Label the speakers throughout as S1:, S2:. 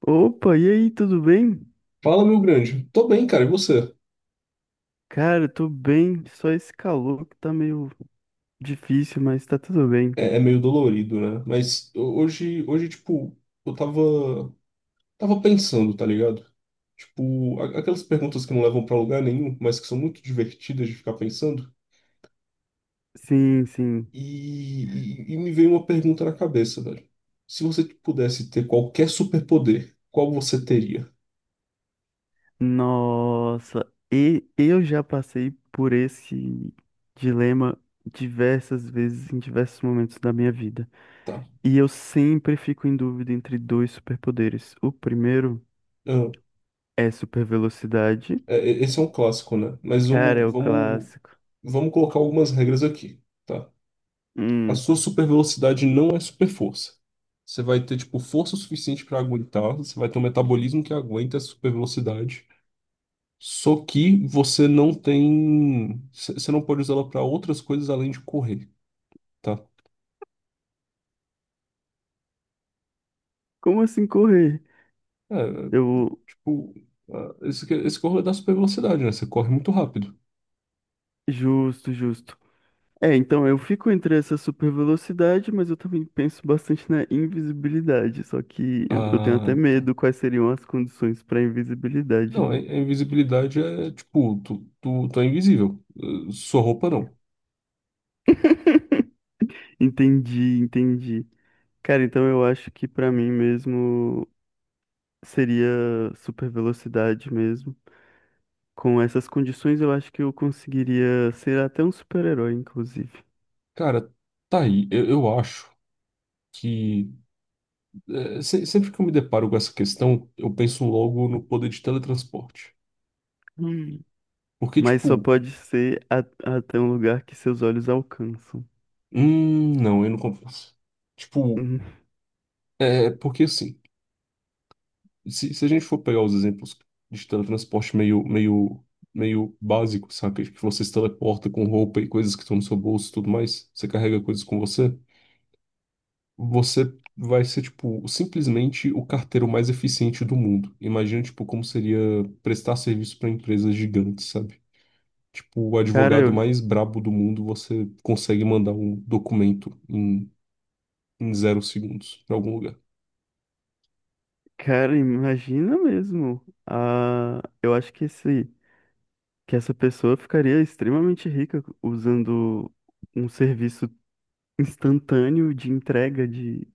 S1: Opa, e aí, tudo bem?
S2: Fala, meu grande. Tô bem, cara, e você?
S1: Cara, eu tô bem, só esse calor que tá meio difícil, mas tá tudo bem.
S2: É, é meio dolorido, né? Mas hoje, tipo, eu tava, tava pensando, tá ligado? Tipo, aquelas perguntas que não levam pra lugar nenhum, mas que são muito divertidas de ficar pensando.
S1: Sim, sim.
S2: E me veio uma pergunta na cabeça, velho. Se você pudesse ter qualquer superpoder, qual você teria?
S1: Nossa, e eu já passei por esse dilema diversas vezes em diversos momentos da minha vida.
S2: Tá.
S1: E eu sempre fico em dúvida entre dois superpoderes. O primeiro
S2: Ah,
S1: é super velocidade.
S2: esse é um clássico, né? Mas
S1: Cara, é
S2: vamos,
S1: o
S2: vamos,
S1: clássico.
S2: vamos colocar algumas regras aqui, tá? A
S1: Hum,
S2: sua super velocidade não é super força. Você vai ter, tipo, força suficiente para aguentar, você vai ter um metabolismo que aguenta essa super velocidade. Só que você não tem. Você não pode usá-la para outras coisas além de correr, tá?
S1: como assim correr?
S2: É,
S1: Eu,
S2: tipo, ah, esse corre da super velocidade, né? Você corre muito rápido.
S1: justo, justo. É, então eu fico entre essa super velocidade, mas eu também penso bastante na invisibilidade. Só que eu tenho até
S2: Ah, tá.
S1: medo quais seriam as condições para invisibilidade,
S2: Não, a
S1: né?
S2: invisibilidade é tipo, tu é invisível. Sua roupa não.
S1: Entendi, entendi. Cara, então eu acho que para mim mesmo seria super velocidade mesmo. Com essas condições, eu acho que eu conseguiria ser até um super-herói, inclusive.
S2: Cara, tá aí. Eu acho que é, sempre que eu me deparo com essa questão, eu penso logo no poder de teletransporte.
S1: Hum.
S2: Porque,
S1: Mas só
S2: tipo,
S1: pode ser até um lugar que seus olhos alcançam.
S2: não, eu não compensa. Tipo,
S1: Hum.
S2: é porque assim, se a gente for pegar os exemplos de teletransporte meio, meio básico, saca? Tipo, você se teleporta com roupa e coisas que estão no seu bolso e tudo mais, você carrega coisas com você, você vai ser, tipo, simplesmente o carteiro mais eficiente do mundo. Imagina, tipo, como seria prestar serviço para empresas gigantes, sabe? Tipo, o
S1: Cara,
S2: advogado
S1: eu,
S2: mais brabo do mundo, você consegue mandar um documento em 0 segundos pra algum lugar.
S1: cara, imagina mesmo. Ah, eu acho que que essa pessoa ficaria extremamente rica usando um serviço instantâneo de entrega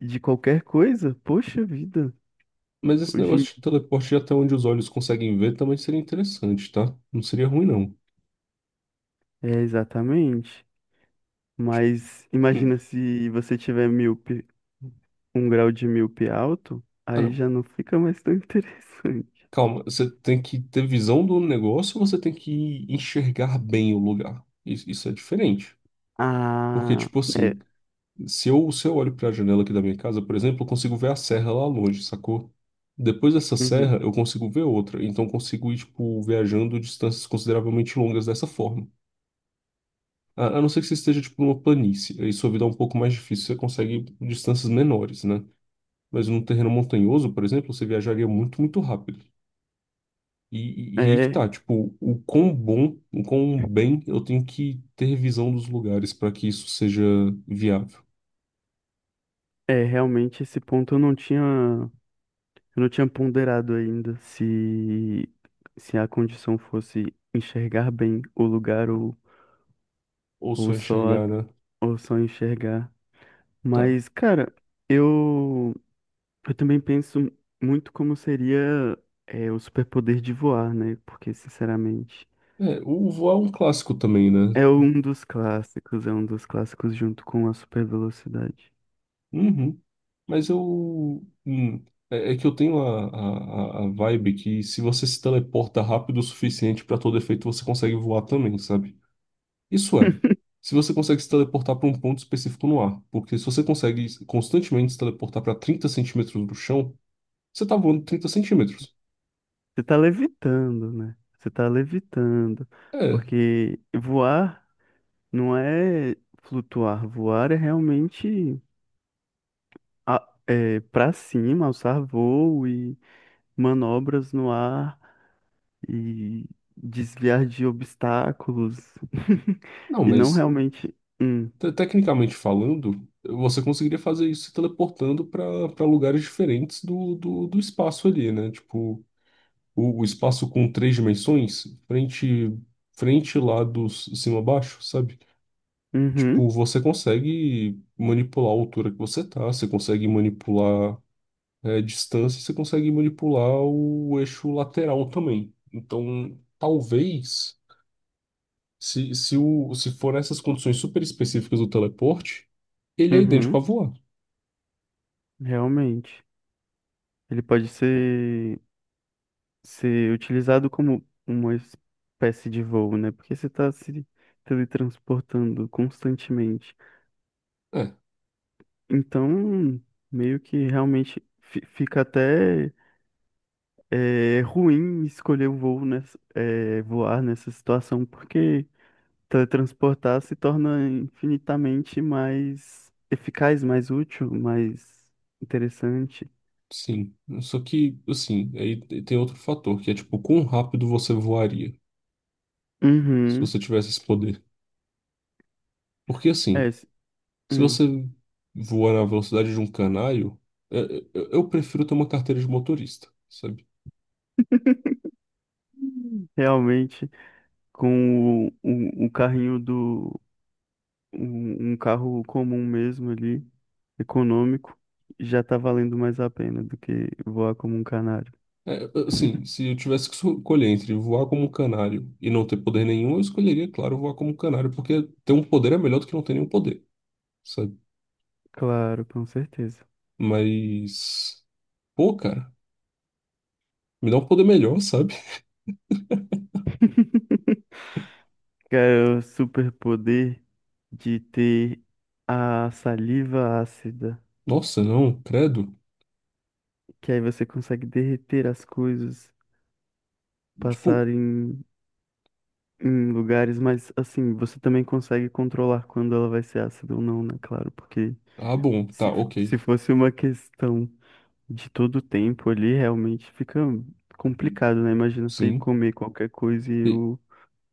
S1: de qualquer coisa. Poxa vida.
S2: Mas esse
S1: Hoje em-
S2: negócio de teleporte até onde os olhos conseguem ver também seria interessante, tá? Não seria ruim, não.
S1: É, exatamente. Mas
S2: Hum.
S1: imagina se você tiver míope, um grau de míope alto,
S2: Ah,
S1: aí
S2: não.
S1: já não fica mais tão interessante.
S2: Calma, você tem que ter visão do negócio ou você tem que enxergar bem o lugar? Isso é diferente. Porque,
S1: Ah,
S2: tipo
S1: é,
S2: assim, se eu olho para a janela aqui da minha casa, por exemplo, eu consigo ver a serra lá longe, sacou? Depois dessa
S1: uhum.
S2: serra, eu consigo ver outra. Então, eu consigo ir, tipo, viajando distâncias consideravelmente longas dessa forma. A não ser que você esteja, tipo, numa planície. Aí sua vida é um pouco mais difícil, você consegue distâncias menores, né? Mas num terreno montanhoso, por exemplo, você viajaria muito, muito rápido. E aí que
S1: É,
S2: tá, tipo, o quão bom, o quão bem eu tenho que ter visão dos lugares para que isso seja viável.
S1: é, realmente esse ponto eu não tinha. Eu não tinha ponderado ainda se a condição fosse enxergar bem o lugar
S2: Ou
S1: ou
S2: só
S1: só,
S2: enxergar, né?
S1: ou só enxergar.
S2: Tá.
S1: Mas, cara, eu, eu também penso muito como seria é, o superpoder de voar, né? Porque, sinceramente,
S2: É, o Vô é um clássico também, né?
S1: é um dos clássicos, é um dos clássicos junto com a super velocidade.
S2: Uhum. Mas eu. Hum, é, é que eu tenho a vibe que se você se teleporta rápido o suficiente para todo efeito, você consegue voar também, sabe? Isso é. Se você consegue se teleportar para um ponto específico no ar. Porque se você consegue constantemente se teleportar para 30 centímetros do chão, você tá voando 30 centímetros.
S1: Você tá levitando, né? Você tá levitando.
S2: É.
S1: Porque voar. Não é flutuar, voar é realmente é, para cima, alçar voo e manobras no ar e desviar de obstáculos.
S2: Não,
S1: E não
S2: mas
S1: realmente.
S2: tecnicamente falando, você conseguiria fazer isso se teleportando para lugares diferentes do espaço ali, né? Tipo, o espaço com três dimensões, frente, lado, cima, baixo, sabe? Tipo,
S1: Uhum,
S2: você consegue manipular a altura que você tá, você consegue manipular é, distância, você consegue manipular o eixo lateral também. Então, talvez, se for essas condições super específicas do teleporte, ele é idêntico a
S1: uhum,
S2: voar.
S1: realmente. Ele pode ser utilizado como uma espécie de voo, né? Porque você está se teletransportando constantemente.
S2: É,
S1: Então, meio que realmente fica até. É ruim escolher o voo nessa, é, voar nessa situação, porque teletransportar se torna infinitamente mais eficaz, mais útil, mais interessante.
S2: sim. Só que, assim, aí tem outro fator, que é tipo, quão rápido você voaria se
S1: Uhum.
S2: você tivesse esse poder. Porque
S1: É,
S2: assim,
S1: s-
S2: se
S1: hum.
S2: você voa na velocidade de um canário, é, é, eu prefiro ter uma carteira de motorista, sabe?
S1: Realmente, com o carrinho do. Um carro comum mesmo ali, econômico, já tá valendo mais a pena do que voar como um canário.
S2: É, é, assim, se eu tivesse que escolher entre voar como um canário e não ter poder nenhum, eu escolheria, claro, voar como um canário, porque ter um poder é melhor do que não ter nenhum poder, sabe?
S1: Claro, com certeza.
S2: Mas, pô, cara, me dá um poder melhor, sabe?
S1: Cara, o superpoder de ter a saliva ácida,
S2: Nossa, não, credo.
S1: que aí você consegue derreter as coisas,
S2: Tipo,
S1: passar em lugares, mas assim, você também consegue controlar quando ela vai ser ácida ou não, né? Claro, porque
S2: ah, bom, tá, ok,
S1: se fosse uma questão de todo o tempo ali, realmente fica complicado, né? Imagina você ir
S2: sim.
S1: comer qualquer coisa e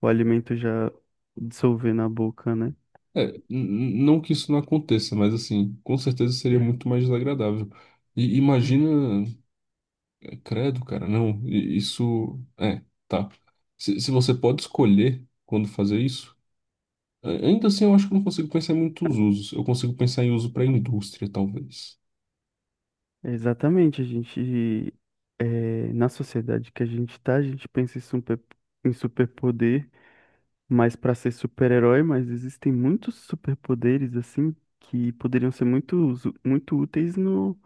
S1: o alimento já dissolver na boca, né?
S2: É, não que isso não aconteça, mas assim, com certeza seria muito mais desagradável. E imagina, é, credo, cara, não, isso, é, tá. Se você pode escolher quando fazer isso, ainda assim eu acho que eu não consigo pensar em muitos usos. Eu consigo pensar em uso para indústria, talvez.
S1: Exatamente, na sociedade que a gente tá, a gente pensa em super, em superpoder, mas para ser super-herói, mas existem muitos superpoderes, assim, que poderiam ser muito, muito úteis no,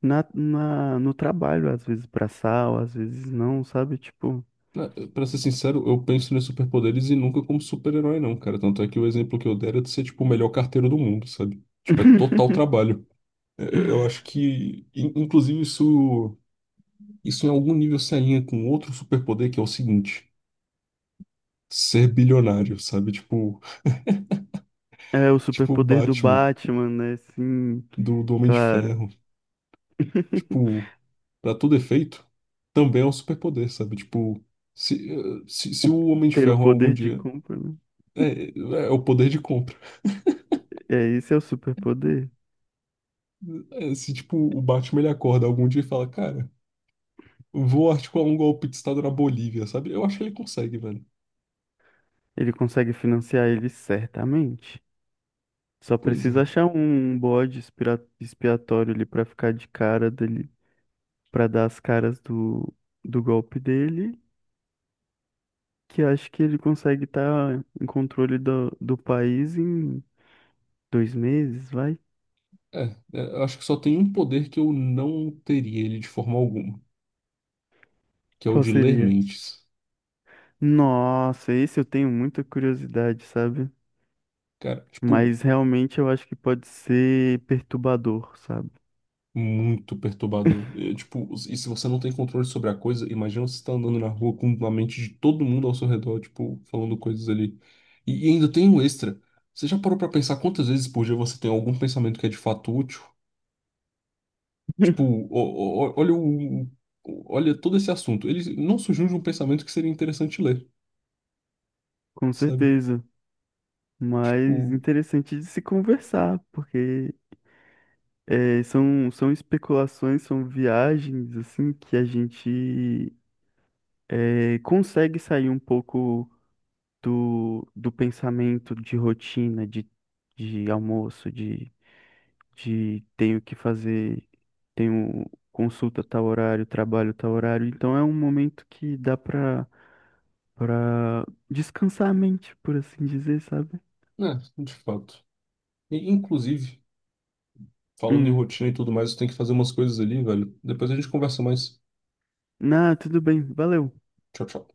S1: na, na- no trabalho, às vezes pra sal, às vezes não, sabe? Tipo,
S2: Pra ser sincero, eu penso nos superpoderes e nunca como super-herói, não, cara. Tanto é que o exemplo que eu der é de ser, tipo, o melhor carteiro do mundo, sabe? Tipo, é total trabalho. É, eu acho que, inclusive, isso. Isso em algum nível se alinha com outro superpoder que é o seguinte: ser bilionário, sabe? Tipo,
S1: é o
S2: tipo o
S1: superpoder do
S2: Batman
S1: Batman, né? Sim,
S2: do Homem de
S1: claro.
S2: Ferro. Tipo, pra todo efeito, também é um superpoder, sabe? Tipo, se, eh, se o Homem de
S1: Ter o
S2: Ferro algum
S1: poder de
S2: dia.
S1: compra, né?
S2: É, é é o poder de compra.
S1: É, esse é o superpoder.
S2: É, se, tipo, o Batman ele acorda algum dia e fala: Cara, vou articular um golpe de Estado na Bolívia, sabe? Eu acho que ele consegue, velho.
S1: Ele consegue financiar ele certamente. Só
S2: Pois
S1: precisa
S2: é.
S1: achar um bode expiatório ali pra ficar de cara dele, pra dar as caras do golpe dele, que acho que ele consegue estar em controle do país em 2 meses, vai?
S2: É, eu acho que só tem um poder que eu não teria ele de forma alguma, que é o
S1: Qual
S2: de ler
S1: seria?
S2: mentes.
S1: Nossa, esse eu tenho muita curiosidade, sabe?
S2: Cara, tipo,
S1: Mas realmente eu acho que pode ser perturbador, sabe?
S2: muito perturbador. É, tipo, e se você não tem controle sobre a coisa, imagina você tá andando na rua com a mente de todo mundo ao seu redor, tipo, falando coisas ali. E ainda tem um extra. Você já parou pra pensar quantas vezes por dia você tem algum pensamento que é de fato útil? Tipo, o- olha o, olha todo esse assunto. Ele não surgiu de um pensamento que seria interessante ler,
S1: Com
S2: sabe?
S1: certeza. Mas
S2: Tipo,
S1: interessante de se conversar, porque é, são, são especulações, são viagens, assim, que a gente é, consegue sair um pouco do pensamento de rotina, de almoço, de tenho que fazer, tenho consulta tal horário, trabalho tal horário. Então é um momento que dá para descansar a mente, por assim dizer, sabe?
S2: né, de fato. E, inclusive, falando em
S1: Hum.
S2: rotina e tudo mais, eu tenho que fazer umas coisas ali, velho. Depois a gente conversa mais.
S1: Ah, tudo bem, valeu.
S2: Tchau, tchau.